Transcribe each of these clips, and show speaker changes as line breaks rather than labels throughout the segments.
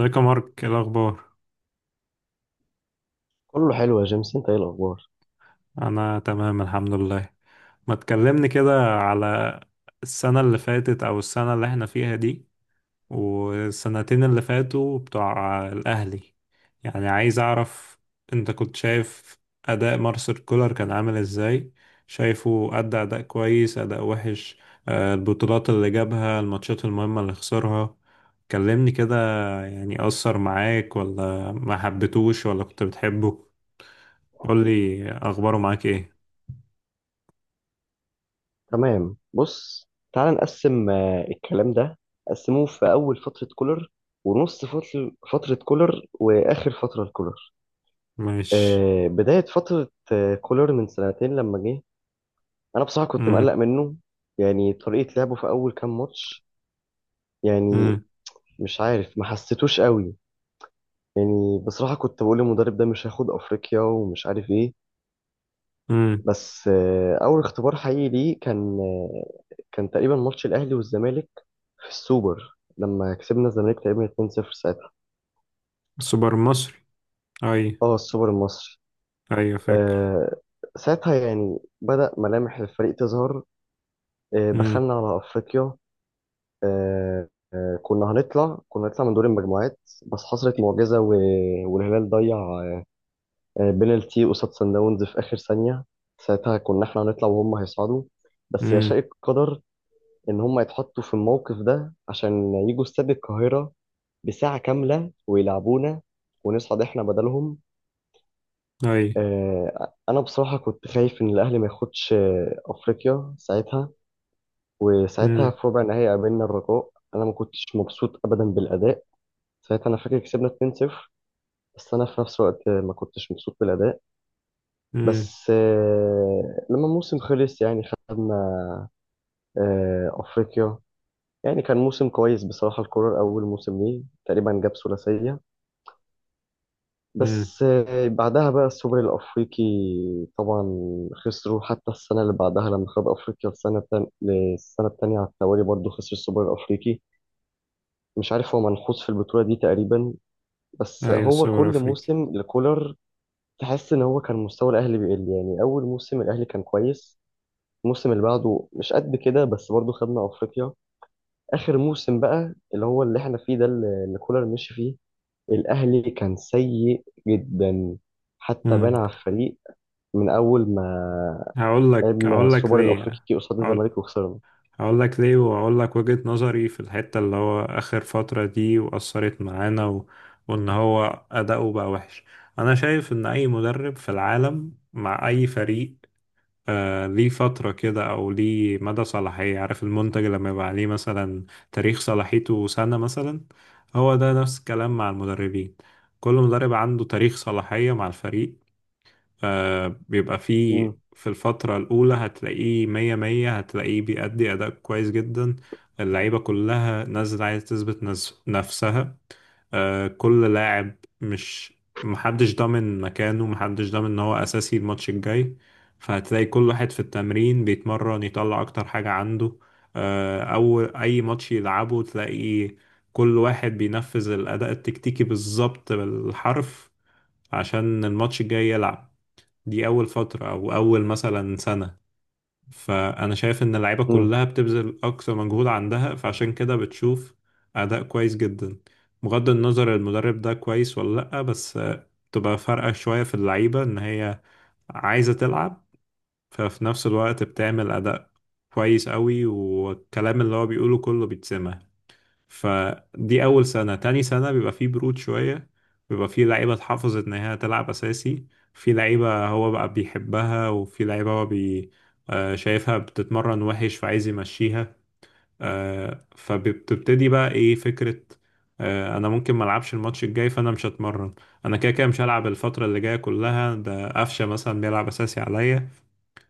ازيك يا مارك، ايه الاخبار؟
كله حلو يا جيمس، انت ايه الاخبار؟
انا تمام الحمد لله. ما تكلمني كده على السنة اللي فاتت او السنة اللي احنا فيها دي والسنتين اللي فاتوا بتوع الاهلي. يعني عايز اعرف، انت كنت شايف اداء مارسيل كولر كان عامل ازاي؟ شايفه ادى اداء كويس اداء وحش؟ البطولات اللي جابها، الماتشات المهمة اللي خسرها، كلمني كده. يعني اثر معاك، ولا ما حبيتوش، ولا كنت بتحبه؟ قول لي اخباره معاك ايه.
تمام. بص، تعال نقسم الكلام ده. قسموه في اول فتره كولر، ونص فتره كولر، واخر فتره لكولر.
ماشي.
بدايه فتره كولر من سنتين لما جه. انا بصراحه كنت مقلق
امم.
منه. يعني طريقه لعبه في اول كام ماتش يعني
امم.
مش عارف، ما حسيتوش قوي. يعني بصراحه كنت بقول المدرب ده مش هياخد افريقيا ومش عارف ايه.
امم.
بس اول اختبار حقيقي ليه كان كان تقريبا ماتش الاهلي والزمالك في السوبر، لما كسبنا الزمالك تقريبا 2-0. ساعتها
سوبر مصري؟ اي.
اه، السوبر المصري.
ايوه، فاكر.
آه ساعتها يعني بدأ ملامح الفريق تظهر.
امم.
دخلنا على أفريقيا. آه كنا هنطلع من دور المجموعات، بس حصلت معجزة والهلال ضيع بينالتي قصاد سان داونز في آخر ثانية. ساعتها كنا احنا هنطلع وهم هيصعدوا، بس
امم.
يشاء القدر إن هم يتحطوا في الموقف ده عشان يجوا استاد القاهرة بساعة كاملة ويلعبونا، ونصعد احنا بدلهم.
اي.
انا بصراحه كنت خايف ان الاهلي ما ياخدش افريقيا ساعتها. وساعتها
امم.
في ربع النهائي قابلنا الرجاء. انا ما كنتش مبسوط ابدا بالاداء. ساعتها انا فاكر كسبنا 2-0، بس انا في نفس الوقت ما كنتش مبسوط بالاداء.
امم.
بس لما الموسم خلص يعني خدنا افريقيا. يعني كان موسم كويس بصراحه، الكوره اول موسم ليه تقريبا جاب ثلاثيه.
امم.
بس بعدها بقى السوبر الأفريقي. طبعا خسروا. حتى السنة اللي بعدها لما خد أفريقيا، السنة التانية على التوالي برضه خسر السوبر الأفريقي. مش عارف هو منحوس في البطولة دي تقريبا، بس
ايوه،
هو
سوبر
كل
افريقي.
موسم لكولر تحس إن هو كان مستوى الأهلي بيقل. يعني أول موسم الأهلي كان كويس، الموسم اللي بعده مش قد كده، بس برضه خدنا أفريقيا. آخر موسم بقى اللي هو اللي إحنا فيه ده، اللي كولر مشي فيه، الأهلي كان سيء جدا. حتى
امم.
بان على الفريق من اول ما
هقول لك
لعبنا
هقول لك
السوبر
ليه.
الافريقي قصاد
هقول
الزمالك وخسرنا.
هقول لك ليه، وهقول لك وجهة نظري في الحتة اللي هو اخر فترة دي واثرت معانا. وان هو اداؤه بقى وحش. انا شايف ان اي مدرب في العالم مع اي فريق، ليه فترة كده، أو ليه مدى صلاحية، عارف المنتج لما يبقى عليه مثلا تاريخ صلاحيته سنة مثلا. هو ده نفس الكلام مع المدربين، كل مدرب عنده تاريخ صلاحية مع الفريق. بيبقى فيه
امم.
في الفترة الأولى هتلاقيه مية مية، هتلاقيه بيأدي أداء كويس جدا. اللعيبة كلها نازلة عايزة تثبت نفسها. كل لاعب، مش محدش ضامن مكانه، محدش ضامن إن هو أساسي الماتش الجاي. فهتلاقي كل واحد في التمرين بيتمرن يطلع أكتر حاجة عنده. أو أي ماتش يلعبه تلاقي كل واحد بينفذ الأداء التكتيكي بالظبط بالحرف عشان الماتش الجاي يلعب. دي أول فترة أو أول مثلا سنة. فأنا شايف إن اللعيبة
امم.
كلها بتبذل أقصى مجهود عندها، فعشان كده بتشوف أداء كويس جدا. بغض النظر المدرب ده كويس ولا لأ، بس تبقى فارقة شوية في اللعيبة إن هي عايزة تلعب. ففي نفس الوقت بتعمل أداء كويس قوي، والكلام اللي هو بيقوله كله بيتسمع. فدي أول سنة. تاني سنة بيبقى فيه برود شوية، بيبقى فيه لعيبة اتحفظت إن هي تلعب أساسي. في لعيبة هو بقى بيحبها، وفي لعيبة هو بي آه، شايفها بتتمرن وحش فعايز يمشيها. فبتبتدي بقى إيه فكرة، أنا ممكن ملعبش الماتش الجاي فأنا مش هتمرن. أنا كده كده مش هلعب الفترة اللي جاية كلها، ده قفشة مثلا بيلعب أساسي عليا.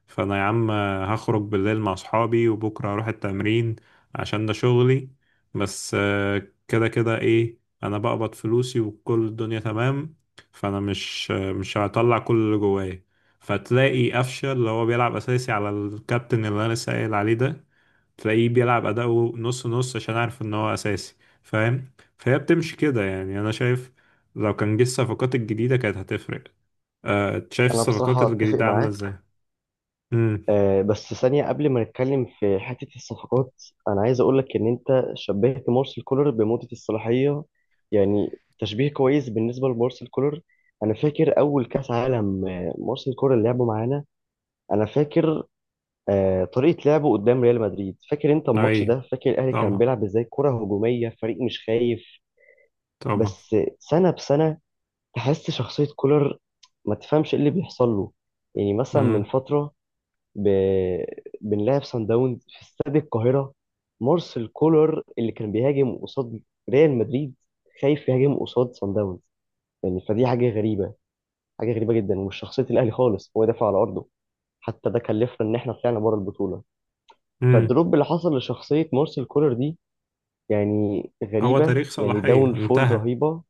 فانا يا عم هخرج بالليل مع اصحابي، وبكره هروح التمرين عشان ده شغلي. بس كده كده ايه، انا بقبض فلوسي وكل الدنيا تمام. فانا مش هطلع كل اللي جوايا. فتلاقي قفشه اللي هو بيلعب اساسي على الكابتن اللي انا لسه قايل عليه ده، تلاقيه بيلعب اداؤه نص نص عشان عارف ان هو اساسي. فاهم؟ فهي بتمشي كده يعني. انا شايف لو كان جه الصفقات الجديده كانت هتفرق. شايف
انا
الصفقات
بصراحه اتفق
الجديده عامله ازاي؟
معاك.
امم.
بس ثانيه قبل ما نتكلم في حته الصفقات، انا عايز اقول لك ان انت شبهت مارسيل كولر بمده الصلاحيه. يعني تشبيه كويس بالنسبه لمارسيل كولر. انا فاكر اول كاس عالم مارسيل كولر لعبه معانا. انا فاكر طريقه لعبه قدام ريال مدريد. فاكر انت الماتش
اي.
ده؟ فاكر الاهلي كان
طبعا،
بيلعب ازاي؟ كره هجوميه، فريق مش خايف.
طبعا.
بس سنه بسنه تحس شخصية كولر، ما تفهمش ايه اللي بيحصل له. يعني مثلا من
امم.
فترة، ب... بنلعب سان داونز في استاد القاهرة، مارسيل كولر اللي كان بيهاجم قصاد ريال مدريد خايف يهاجم قصاد سان داونز. يعني فدي حاجة غريبة، حاجة غريبة جدا، ومش شخصية الأهلي خالص، هو دافع على أرضه. حتى ده كلفنا إن إحنا طلعنا بره البطولة.
امم.
فالدروب اللي حصل لشخصية مارسيل كولر دي يعني
هو
غريبة،
تاريخ
يعني
صلاحية
داون فول
انتهى.
رهيبة.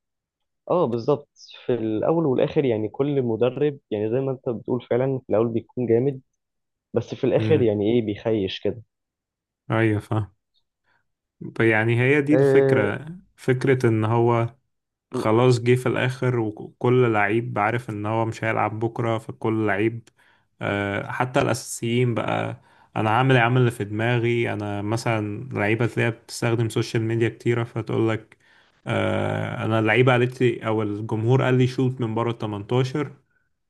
اه بالظبط. في الاول والاخر يعني كل مدرب، يعني زي ما انت بتقول، فعلا في الاول بيكون جامد، بس في الاخر
امم.
يعني ايه بيخيش كده.
ايوه، فاهم. يعني هي دي
أه.
الفكرة، فكرة ان هو
م-
خلاص جه في الآخر، وكل لعيب عارف إن هو مش هيلعب بكرة، فكل لعيب، حتى الأساسيين بقى. أنا عامل يا عم اللي في دماغي، أنا مثلا لعيبة تلاقيها بتستخدم سوشيال ميديا كتيرة، فتقولك أنا اللعيبة قالت لي أو الجمهور قال لي شوت من بره ال 18،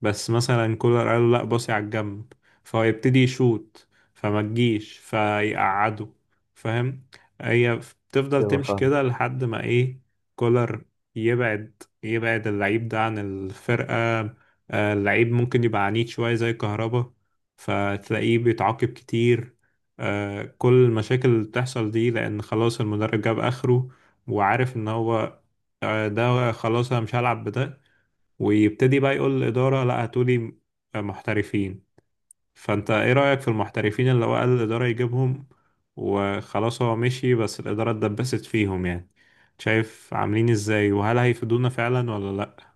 بس مثلا كولر قال له لأ، باصي على الجنب. فهو يبتدي يشوت، فما تجيش فيقعده. فاهم؟ هي بتفضل
ايوه،
تمشي
فاهم.
كده لحد ما إيه، كولر يبعد اللعيب ده عن الفرقة. اللعيب ممكن يبقى عنيد شوية زي كهربا، فتلاقيه بيتعاقب كتير. كل المشاكل اللي بتحصل دي لأن خلاص المدرب جاب آخره وعارف إن هو ده خلاص أنا مش هلعب بده. ويبتدي بقى يقول للإدارة لا، هاتولي محترفين. فانت ايه رأيك في المحترفين اللي هو قال الإدارة يجيبهم، وخلاص هو مشي بس الإدارة اتدبست فيهم يعني؟ شايف عاملين ازاي، وهل هيفيدونا فعلا ولا لأ؟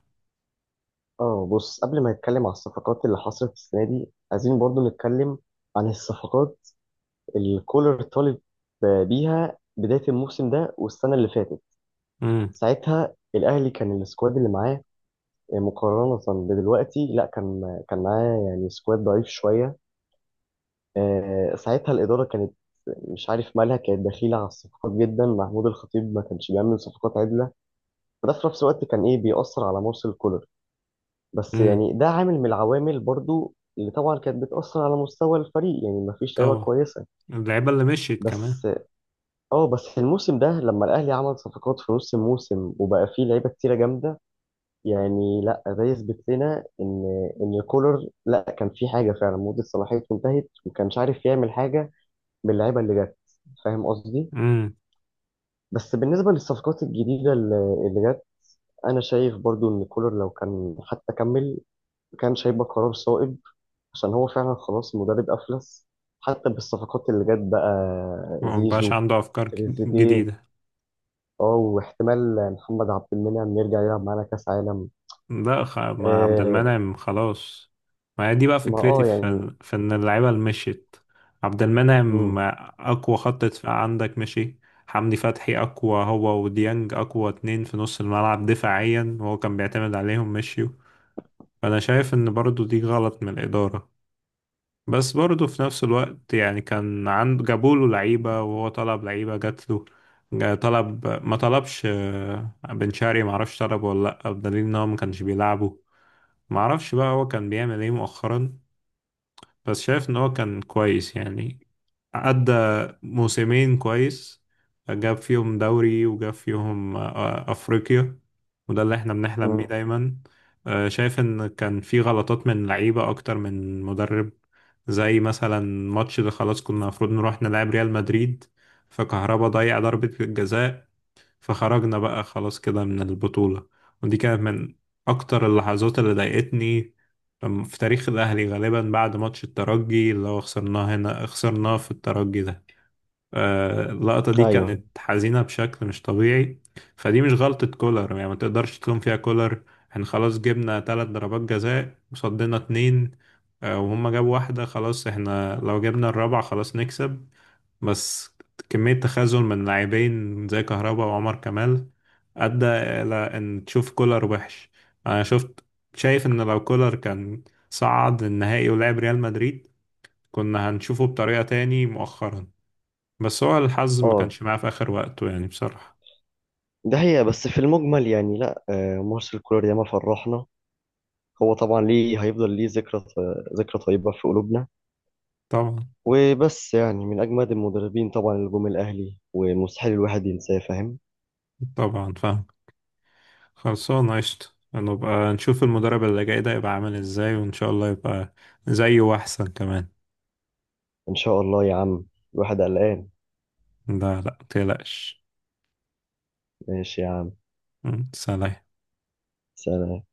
اه بص، قبل ما نتكلم على الصفقات اللي حصلت السنه دي، عايزين برضو نتكلم عن الصفقات اللي كولر طالب بيها بدايه الموسم ده والسنه اللي فاتت.
امم.
ساعتها الاهلي كان السكواد اللي معاه مقارنه بدلوقتي، لا كان معاه يعني سكواد ضعيف شويه. ساعتها الإدارة كانت مش عارف مالها، كانت دخيلة على الصفقات جدا. محمود الخطيب ما كانش بيعمل صفقات عدلة، وده في نفس الوقت كان إيه بيأثر على مرسل كولر. بس
امم.
يعني ده عامل من العوامل برضو اللي طبعا كانت بتأثر على مستوى الفريق. يعني ما فيش لعيبة
طبعا
كويسة.
اللعيبة اللي مشيت كمان.
بس اه بس الموسم ده، لما الأهلي عمل صفقات في نص الموسم وبقى فيه لعيبة كتيرة جامدة، يعني لا ده يثبت لنا إن كولر لا كان في حاجة، فعلا مدة صلاحيته انتهت وما كانش عارف يعمل حاجة باللعيبة اللي جت. فاهم قصدي؟
امم.
بس بالنسبة للصفقات الجديدة اللي جت، أنا شايف برضو إن كولر لو كان حتى كمل كان هيبقى قرار صائب، عشان هو فعلا خلاص مدرب أفلس حتى بالصفقات اللي جت بقى.
مبقاش
زيزو،
عنده أفكار
تريزيجيه،
جديدة.
اه واحتمال محمد عبد المنعم يرجع يلعب معانا كأس عالم.
لا، ما عبد
آه.
المنعم خلاص. ما هي دي بقى
ما
فكرتي
اه يعني.
في ان اللعيبه اللي مشيت. عبد المنعم
مم.
اقوى خط دفاع عندك مشي، حمدي فتحي اقوى هو وديانج اقوى اتنين في نص الملعب دفاعيا وهو كان بيعتمد عليهم، مشيوا. فانا شايف ان برضو دي غلط من الاداره. بس برضو في نفس الوقت يعني كان عنده، جابوله لعيبه وهو طلب لعيبه جات له. طلب ما طلبش بن شرقي، معرفش طلبه ولا لا، بدليل ان هو ما كانش بيلعبه. معرفش بقى هو كان بيعمل ايه مؤخرا. بس شايف ان هو كان كويس يعني، أدى موسمين كويس، جاب فيهم دوري وجاب فيهم أفريقيا، وده اللي احنا بنحلم بيه
مم.
دايما. شايف ان كان في غلطات من لعيبة أكتر من مدرب، زي مثلا ماتش اللي خلاص كنا المفروض نروح نلعب ريال مدريد، فكهربا ضيع ضربة الجزاء، فخرجنا بقى خلاص كده من البطولة. ودي كانت من أكتر اللحظات اللي ضايقتني في تاريخ الأهلي، غالبا بعد ماتش الترجي اللي هو خسرناه هنا، خسرناه في الترجي ده. اللقطة دي
ايوه.
كانت حزينة بشكل مش طبيعي. فدي مش غلطة كولر يعني، ما تقدرش تلوم فيها كولر. احنا خلاص جبنا 3 ضربات جزاء وصدنا اتنين، وهم جابوا واحدة، خلاص احنا لو جبنا الرابعة خلاص نكسب. بس كمية تخاذل من لاعبين زي كهربا وعمر كمال أدى إلى إن تشوف كولر وحش. أنا شفت، شايف إن لو كولر كان صعد النهائي ولعب ريال مدريد، كنا هنشوفه بطريقة تاني مؤخرا. بس هو الحظ ما
اه
كانش معاه في آخر وقته يعني بصراحة.
ده هي، بس في المجمل يعني لا، مارسيل كولر ياما فرحنا. هو طبعا ليه هيفضل ليه ذكرى، ذكرى طيبة في قلوبنا.
طبعا،
وبس يعني من أجمد المدربين طبعا اللي جم الأهلي، ومستحيل الواحد ينساه. فاهم.
طبعا فاهم. خلصانة قشطة. نبقى نشوف المدرب اللي جاي ده يبقى عامل ازاي، وإن شاء الله يبقى زيه وأحسن كمان.
إن شاء الله يا عم. الواحد قلقان.
لا، لا، متقلقش.
ماشي يا عم.
سلام.
سلام.